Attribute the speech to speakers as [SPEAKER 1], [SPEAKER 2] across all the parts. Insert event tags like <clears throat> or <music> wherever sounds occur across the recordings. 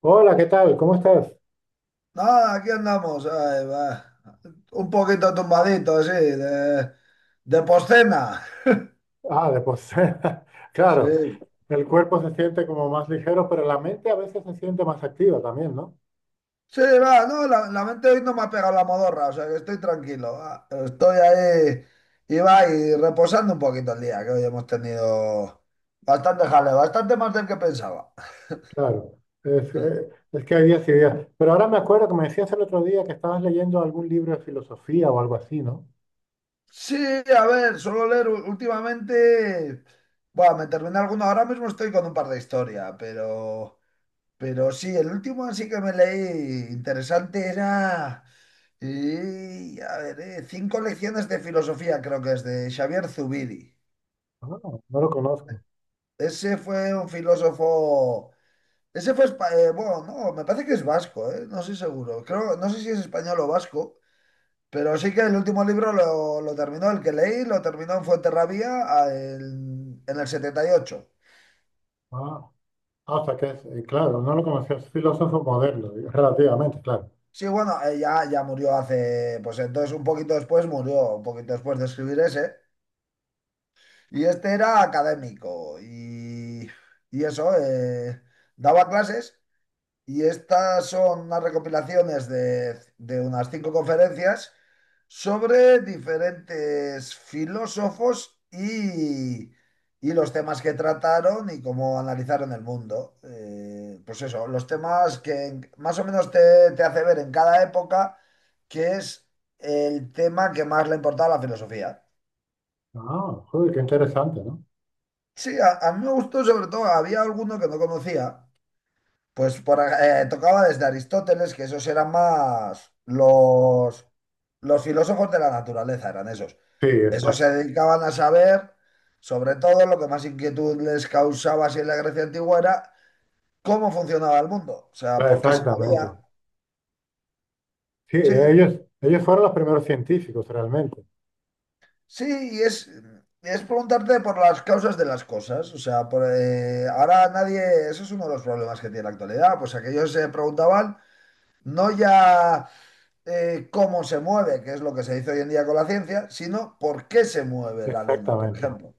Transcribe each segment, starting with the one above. [SPEAKER 1] Hola, ¿qué tal? ¿Cómo estás?
[SPEAKER 2] No, aquí andamos, ay, va. Un poquito tumbadito, sí, de postcena.
[SPEAKER 1] Ah, de postura. <laughs> Claro,
[SPEAKER 2] Sí,
[SPEAKER 1] el cuerpo se siente como más ligero, pero la mente a veces se siente más activa también, ¿no?
[SPEAKER 2] sí, va, no, la mente hoy no me ha pegado la modorra, o sea que estoy tranquilo, va. Estoy ahí y va, y reposando un poquito el día, que hoy hemos tenido bastante jaleo, bastante más del que pensaba.
[SPEAKER 1] Claro, es que hay días y días. Pero ahora me acuerdo que me decías el otro día que estabas leyendo algún libro de filosofía o algo así, ¿no?
[SPEAKER 2] Sí, a ver, suelo leer últimamente. Bueno, me terminé alguno. Ahora mismo estoy con un par de historias, pero. Pero sí, el último así que me leí interesante era, y, a ver, Cinco lecciones de filosofía, creo que es de Xavier Zubiri.
[SPEAKER 1] Ah, no lo conozco.
[SPEAKER 2] Ese fue un filósofo, ese fue, bueno, no, me parece que es vasco, no estoy seguro. Creo, no sé si es español o vasco, pero sí que el último libro lo terminó, el que leí, lo terminó en Fuenterrabía en el 78.
[SPEAKER 1] Ah, ah, o sea que es, claro, no lo conocía, es filósofo moderno, digo, relativamente, claro.
[SPEAKER 2] Sí, bueno, ya, ya murió hace, pues entonces un poquito después murió, un poquito después de escribir ese. Y este era académico y eso, daba clases y estas son unas recopilaciones de unas cinco conferencias sobre diferentes filósofos y los temas que trataron y cómo analizaron el mundo. Pues eso, los temas que más o menos te, te hace ver en cada época que es el tema que más le importaba a la filosofía.
[SPEAKER 1] Ah, joder, qué interesante, ¿no?
[SPEAKER 2] Sí, a mí me gustó sobre todo, había alguno que no conocía, pues por, tocaba desde Aristóteles, que esos eran más los filósofos de la naturaleza, eran esos.
[SPEAKER 1] Sí,
[SPEAKER 2] Esos
[SPEAKER 1] exacto,
[SPEAKER 2] se dedicaban a saber, sobre todo lo que más inquietud les causaba si en la Grecia antigua era cómo funcionaba el mundo, o sea, por qué se movía.
[SPEAKER 1] exactamente. Sí,
[SPEAKER 2] Sí,
[SPEAKER 1] ellos fueron los primeros científicos realmente.
[SPEAKER 2] sí, y es preguntarte por las causas de las cosas, o sea, por, ahora nadie, eso es uno de los problemas que tiene la actualidad, pues aquellos se preguntaban. No ya cómo se mueve, que es lo que se dice hoy en día con la ciencia, sino por qué se mueve la luna, por
[SPEAKER 1] Exactamente.
[SPEAKER 2] ejemplo.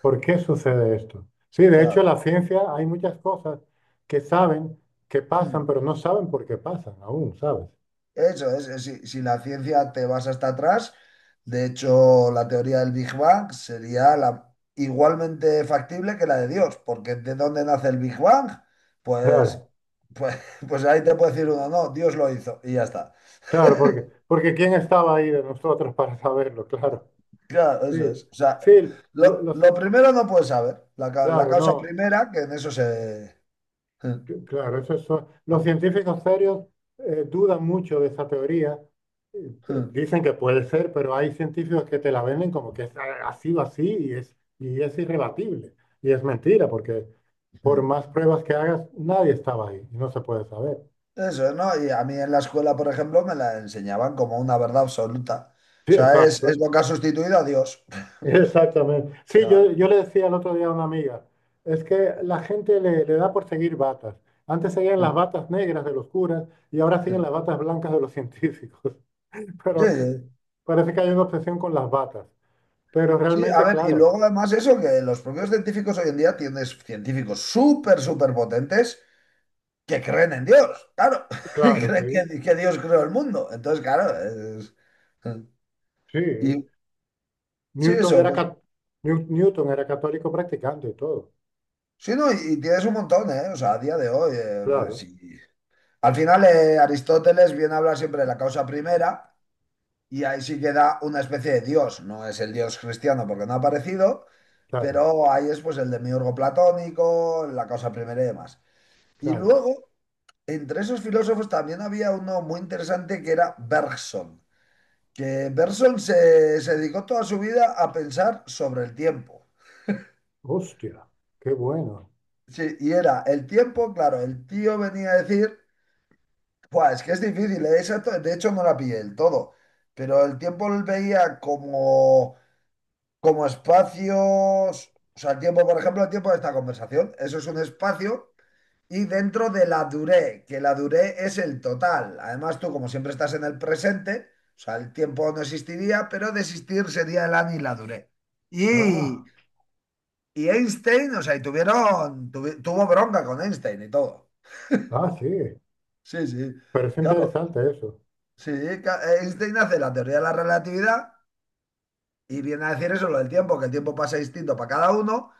[SPEAKER 1] ¿Por qué sucede esto? Sí, de hecho,
[SPEAKER 2] Claro.
[SPEAKER 1] la ciencia hay muchas cosas que saben que
[SPEAKER 2] Hmm.
[SPEAKER 1] pasan, pero no saben por qué pasan aún, ¿sabes?
[SPEAKER 2] Eso es, si, si la ciencia te vas hasta atrás, de hecho, la teoría del Big Bang sería la, igualmente factible que la de Dios, porque ¿de dónde nace el Big Bang? Pues,
[SPEAKER 1] Claro,
[SPEAKER 2] pues, <laughs> pues ahí te puede decir uno, no, Dios lo hizo y ya está.
[SPEAKER 1] claro, porque, porque ¿quién estaba ahí de nosotros <laughs> para saberlo? Claro.
[SPEAKER 2] Claro,
[SPEAKER 1] Sí,
[SPEAKER 2] eso es. O sea,
[SPEAKER 1] sí, los,
[SPEAKER 2] lo primero no puedes saber, la, la
[SPEAKER 1] claro,
[SPEAKER 2] causa
[SPEAKER 1] no,
[SPEAKER 2] primera, que en eso se.
[SPEAKER 1] claro, eso es, los científicos serios dudan mucho de esa teoría. Dicen que puede ser, pero hay científicos que te la venden como que es así o así y es irrebatible. Y es mentira, porque por más pruebas que hagas, nadie estaba ahí y no se puede saber.
[SPEAKER 2] Eso, ¿no? Y a mí en la escuela, por ejemplo, me la enseñaban como una verdad absoluta. O
[SPEAKER 1] Sí,
[SPEAKER 2] sea, es
[SPEAKER 1] exacto.
[SPEAKER 2] lo que ha
[SPEAKER 1] <laughs>
[SPEAKER 2] sustituido a Dios. <laughs>
[SPEAKER 1] Exactamente. Sí,
[SPEAKER 2] Claro.
[SPEAKER 1] yo le decía el otro día a una amiga, es que la gente le da por seguir batas. Antes seguían
[SPEAKER 2] Sí,
[SPEAKER 1] las batas negras de los curas y ahora siguen las batas blancas de los científicos. <laughs> Pero
[SPEAKER 2] sí.
[SPEAKER 1] parece que hay una obsesión con las batas. Pero
[SPEAKER 2] Sí, a
[SPEAKER 1] realmente,
[SPEAKER 2] ver, y
[SPEAKER 1] claro,
[SPEAKER 2] luego además eso, que los propios científicos hoy en día tienes científicos súper, súper potentes que creen en Dios, claro, <laughs> y
[SPEAKER 1] claro,
[SPEAKER 2] creen
[SPEAKER 1] sí,
[SPEAKER 2] que Dios creó el mundo. Entonces, claro, es.
[SPEAKER 1] sí.
[SPEAKER 2] Y sí,
[SPEAKER 1] Newton
[SPEAKER 2] eso,
[SPEAKER 1] era,
[SPEAKER 2] pues
[SPEAKER 1] Newton era católico practicante y todo.
[SPEAKER 2] sí, no, y tienes un montón, ¿eh? O sea, a día de hoy,
[SPEAKER 1] Claro,
[SPEAKER 2] sí. Al final, Aristóteles viene a hablar siempre de la causa primera y ahí sí queda una especie de dios. No es el dios cristiano porque no ha aparecido,
[SPEAKER 1] claro,
[SPEAKER 2] pero ahí es pues el demiurgo platónico, la causa primera y demás. Y
[SPEAKER 1] claro.
[SPEAKER 2] luego, entre esos filósofos también había uno muy interesante que era Bergson, que Bergson se, se dedicó toda su vida a pensar sobre el tiempo.
[SPEAKER 1] Hostia, qué bueno.
[SPEAKER 2] Sí, y era el tiempo, claro, el tío venía a decir. Buah, es que es difícil, ¿eh? Esa de hecho no la pillé del todo, pero el tiempo lo veía como, como espacios, o sea, el tiempo, por ejemplo, el tiempo de esta conversación, eso es un espacio y dentro de la duré, que la duré es el total. Además, tú como siempre estás en el presente, o sea, el tiempo no existiría, pero de existir sería el ani y la duré. Y,
[SPEAKER 1] Ah.
[SPEAKER 2] y Einstein, o sea, y tuvieron, tuvo bronca con Einstein y todo.
[SPEAKER 1] Ah, sí,
[SPEAKER 2] Sí, sí.
[SPEAKER 1] pero es
[SPEAKER 2] Claro.
[SPEAKER 1] interesante eso,
[SPEAKER 2] Sí, Einstein hace la teoría de la relatividad y viene a decir eso, lo del tiempo, que el tiempo pasa distinto para cada uno.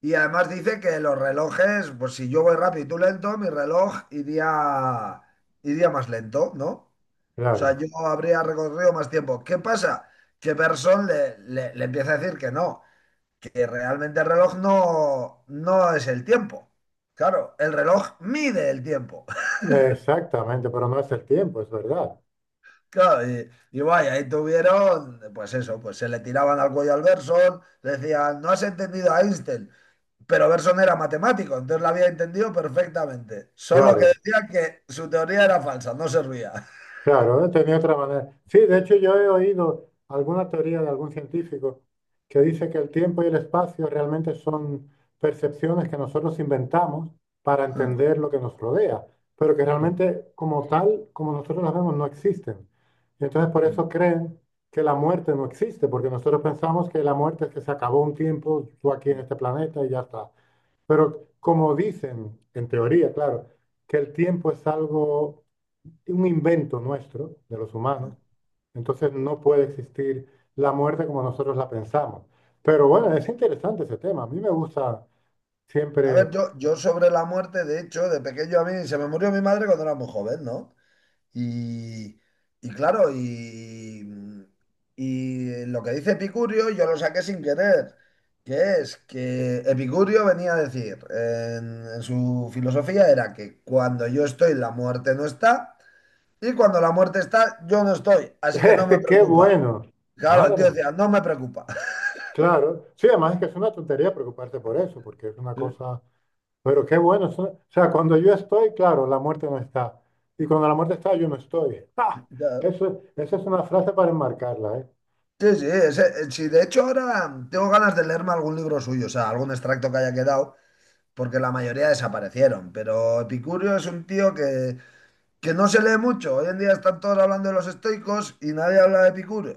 [SPEAKER 2] Y además dice que los relojes, pues si yo voy rápido y tú lento, mi reloj iría, iría más lento, ¿no? O sea,
[SPEAKER 1] claro.
[SPEAKER 2] yo habría recorrido más tiempo. ¿Qué pasa? Que Bergson le, le empieza a decir que no, que realmente el reloj no, no es el tiempo. Claro, el reloj mide el tiempo.
[SPEAKER 1] Exactamente, pero no es el tiempo, es verdad.
[SPEAKER 2] Claro, y vaya, ahí tuvieron, pues eso, pues se le tiraban al cuello al Berson, le decían, no has entendido a Einstein, pero Berson era matemático, entonces la había entendido perfectamente, solo que
[SPEAKER 1] Claro,
[SPEAKER 2] decía que su teoría era falsa, no servía.
[SPEAKER 1] claro, tenía otra manera. Sí, de hecho yo he oído alguna teoría de algún científico que dice que el tiempo y el espacio realmente son percepciones que nosotros inventamos para entender
[SPEAKER 2] <laughs>
[SPEAKER 1] lo que nos rodea, pero que realmente como tal, como nosotros las vemos, no existen. Y entonces por eso creen que la muerte no existe, porque nosotros pensamos que la muerte es que se acabó un tiempo, tú aquí en este planeta y ya está. Pero como dicen, en teoría, claro, que el tiempo es algo, un invento nuestro, de los humanos, entonces no puede existir la muerte como nosotros la pensamos. Pero bueno, es interesante ese tema. A mí me gusta
[SPEAKER 2] A ver,
[SPEAKER 1] siempre,
[SPEAKER 2] yo sobre la muerte, de hecho, de pequeño a mí, se me murió mi madre cuando era muy joven, ¿no? Y, y claro, y, y lo que dice Epicurio yo lo saqué sin querer, que es que Epicurio venía a decir en su filosofía era que cuando yo estoy la muerte no está y cuando la muerte está yo no estoy, así que no me
[SPEAKER 1] <laughs> qué
[SPEAKER 2] preocupa.
[SPEAKER 1] bueno,
[SPEAKER 2] Claro, el tío
[SPEAKER 1] madre,
[SPEAKER 2] decía, no me preocupa. <laughs>
[SPEAKER 1] claro. Sí, además es que es una tontería preocuparse por eso, porque es una
[SPEAKER 2] Sí.
[SPEAKER 1] cosa, pero qué bueno. O sea, cuando yo estoy, claro, la muerte no está. Y cuando la muerte está, yo no estoy. <laughs> ¡Ah!
[SPEAKER 2] Ya.
[SPEAKER 1] Eso, esa es una frase para enmarcarla, ¿eh?
[SPEAKER 2] Sí, sí, sí, de hecho ahora tengo ganas de leerme algún libro suyo, o sea, algún extracto que haya quedado, porque la mayoría desaparecieron. Pero Epicurio es un tío que no se lee mucho. Hoy en día están todos hablando de los estoicos y nadie habla de Epicurio.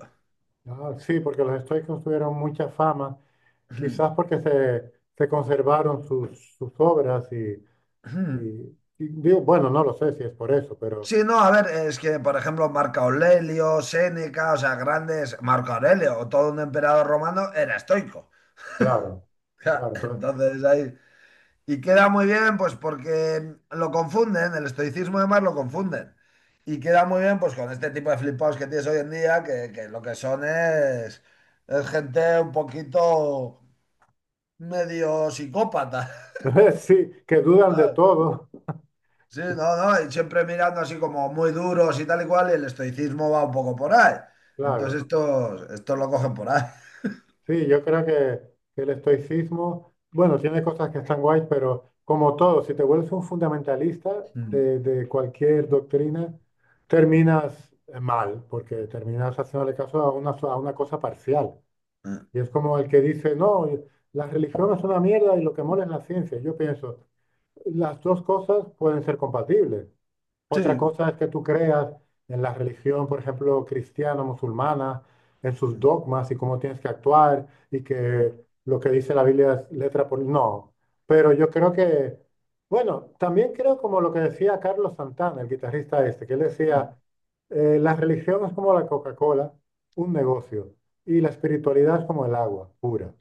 [SPEAKER 1] Ah, sí, porque los estoicos tuvieron mucha fama, quizás
[SPEAKER 2] <clears throat>
[SPEAKER 1] porque se conservaron sus obras y,
[SPEAKER 2] <laughs>
[SPEAKER 1] y digo, bueno, no lo sé si es por eso, pero
[SPEAKER 2] Sí, no, a ver, es que, por ejemplo, Marco Aurelio, Séneca, o sea, grandes, Marco Aurelio, todo un emperador romano era estoico.
[SPEAKER 1] claro, claro,
[SPEAKER 2] <laughs> Entonces ahí. Y queda muy bien, pues porque lo confunden, el estoicismo de Mar lo confunden. Y queda muy bien, pues con este tipo de flipados que tienes hoy en día, que lo que son es gente un poquito medio psicópata.
[SPEAKER 1] entonces, <laughs> sí, que
[SPEAKER 2] <laughs>
[SPEAKER 1] dudan de
[SPEAKER 2] ¿Sabes?
[SPEAKER 1] todo,
[SPEAKER 2] Sí, no, no, y siempre mirando así como muy duros y tal y cual, y el estoicismo va un poco por ahí. Entonces
[SPEAKER 1] claro.
[SPEAKER 2] estos, estos lo cogen por ahí.
[SPEAKER 1] Sí, yo creo que el estoicismo, bueno, tiene cosas que están guays, pero como todo, si te vuelves un fundamentalista
[SPEAKER 2] <laughs>
[SPEAKER 1] de cualquier doctrina, terminas mal, porque terminas haciéndole caso a una, a una cosa parcial. Y es como el que dice, no, la religión es una mierda y lo que mola es la ciencia. Yo pienso, las dos cosas pueden ser compatibles. Otra
[SPEAKER 2] Sí.
[SPEAKER 1] cosa es que tú creas en la religión, por ejemplo, cristiana, musulmana, en sus
[SPEAKER 2] Mm,
[SPEAKER 1] dogmas y cómo tienes que actuar y
[SPEAKER 2] mm,
[SPEAKER 1] que lo que dice la Biblia es letra por... No, pero yo creo que, bueno, también creo como lo que decía Carlos Santana, el guitarrista este, que él
[SPEAKER 2] mm.
[SPEAKER 1] decía, la religión es como la Coca-Cola, un negocio, y la espiritualidad es como el agua pura.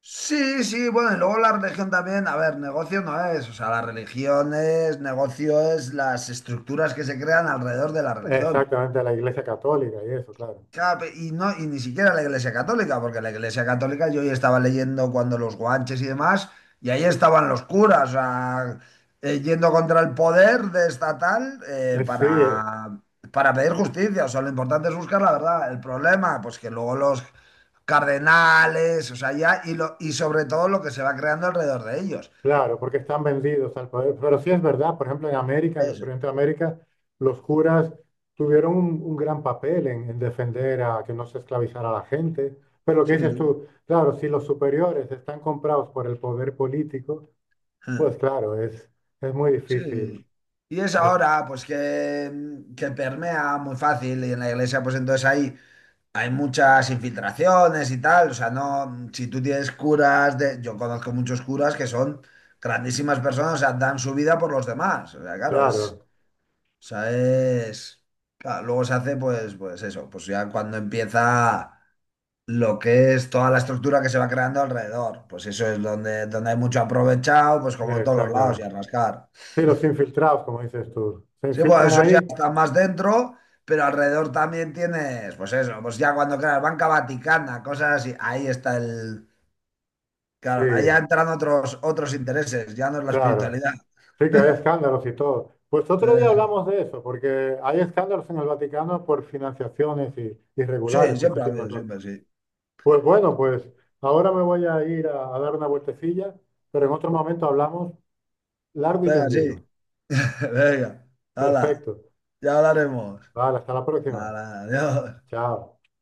[SPEAKER 2] Sí, sí, bueno, y luego la religión también, a ver, negocio no es, o sea, la religión es, negocio es las estructuras que se crean alrededor de la religión.
[SPEAKER 1] Exactamente, la Iglesia Católica y eso, claro.
[SPEAKER 2] Claro, y, no, y ni siquiera la Iglesia Católica, porque la Iglesia Católica yo ya estaba leyendo cuando los guanches y demás, y ahí estaban los curas, o sea, yendo contra el poder de estatal
[SPEAKER 1] Sí,
[SPEAKER 2] para pedir justicia. O sea, lo importante es buscar la verdad. El problema, pues que luego los cardenales, o sea, ya, y, lo, y sobre todo lo que se va creando alrededor de ellos.
[SPEAKER 1] claro, porque están vendidos al poder. Pero sí es verdad, por ejemplo, en América, en los
[SPEAKER 2] Eso.
[SPEAKER 1] experimento de América, los curas tuvieron un gran papel en defender a que no se esclavizara a la gente. Pero lo que
[SPEAKER 2] Sí,
[SPEAKER 1] dices
[SPEAKER 2] sí.
[SPEAKER 1] tú, claro, si los superiores están comprados por el poder político,
[SPEAKER 2] Ah.
[SPEAKER 1] pues claro, es muy
[SPEAKER 2] Sí.
[SPEAKER 1] difícil.
[SPEAKER 2] Y es
[SPEAKER 1] Es,
[SPEAKER 2] ahora, pues que permea muy fácil y en la iglesia, pues entonces ahí. Hay muchas infiltraciones y tal, o sea, no, si tú tienes curas, de, yo conozco muchos curas que son grandísimas personas, o sea, dan su vida por los demás, o sea, claro, es,
[SPEAKER 1] claro,
[SPEAKER 2] o sea, es, claro, luego se hace pues, pues eso, pues ya cuando empieza lo que es toda la estructura que se va creando alrededor, pues eso es donde, donde hay mucho aprovechado, pues como
[SPEAKER 1] yeah,
[SPEAKER 2] en todos los lados y
[SPEAKER 1] exactamente.
[SPEAKER 2] a rascar.
[SPEAKER 1] Sí, los infiltrados, como dices tú, se
[SPEAKER 2] Sí, bueno,
[SPEAKER 1] infiltran
[SPEAKER 2] eso ya
[SPEAKER 1] ahí,
[SPEAKER 2] está más dentro, pero alrededor también tienes, pues eso, pues ya cuando creas Banca Vaticana, cosas así, ahí está el,
[SPEAKER 1] sí,
[SPEAKER 2] claro, ahí ya entran otros, otros intereses, ya no es la
[SPEAKER 1] claro.
[SPEAKER 2] espiritualidad.
[SPEAKER 1] Sí, que hay escándalos y todo. Pues otro día
[SPEAKER 2] Eso.
[SPEAKER 1] hablamos de eso, porque hay escándalos en el Vaticano por financiaciones
[SPEAKER 2] Sí,
[SPEAKER 1] irregulares y ese
[SPEAKER 2] siempre ha
[SPEAKER 1] tipo de
[SPEAKER 2] habido,
[SPEAKER 1] cosas.
[SPEAKER 2] siempre, sí.
[SPEAKER 1] Pues bueno, pues ahora me voy a ir a dar una vueltecilla, pero en otro momento hablamos largo y
[SPEAKER 2] Venga,
[SPEAKER 1] tendido.
[SPEAKER 2] sí. <laughs> Venga, hala,
[SPEAKER 1] Perfecto.
[SPEAKER 2] ya hablaremos.
[SPEAKER 1] Vale, hasta la próxima.
[SPEAKER 2] Hala, adiós.
[SPEAKER 1] Chao.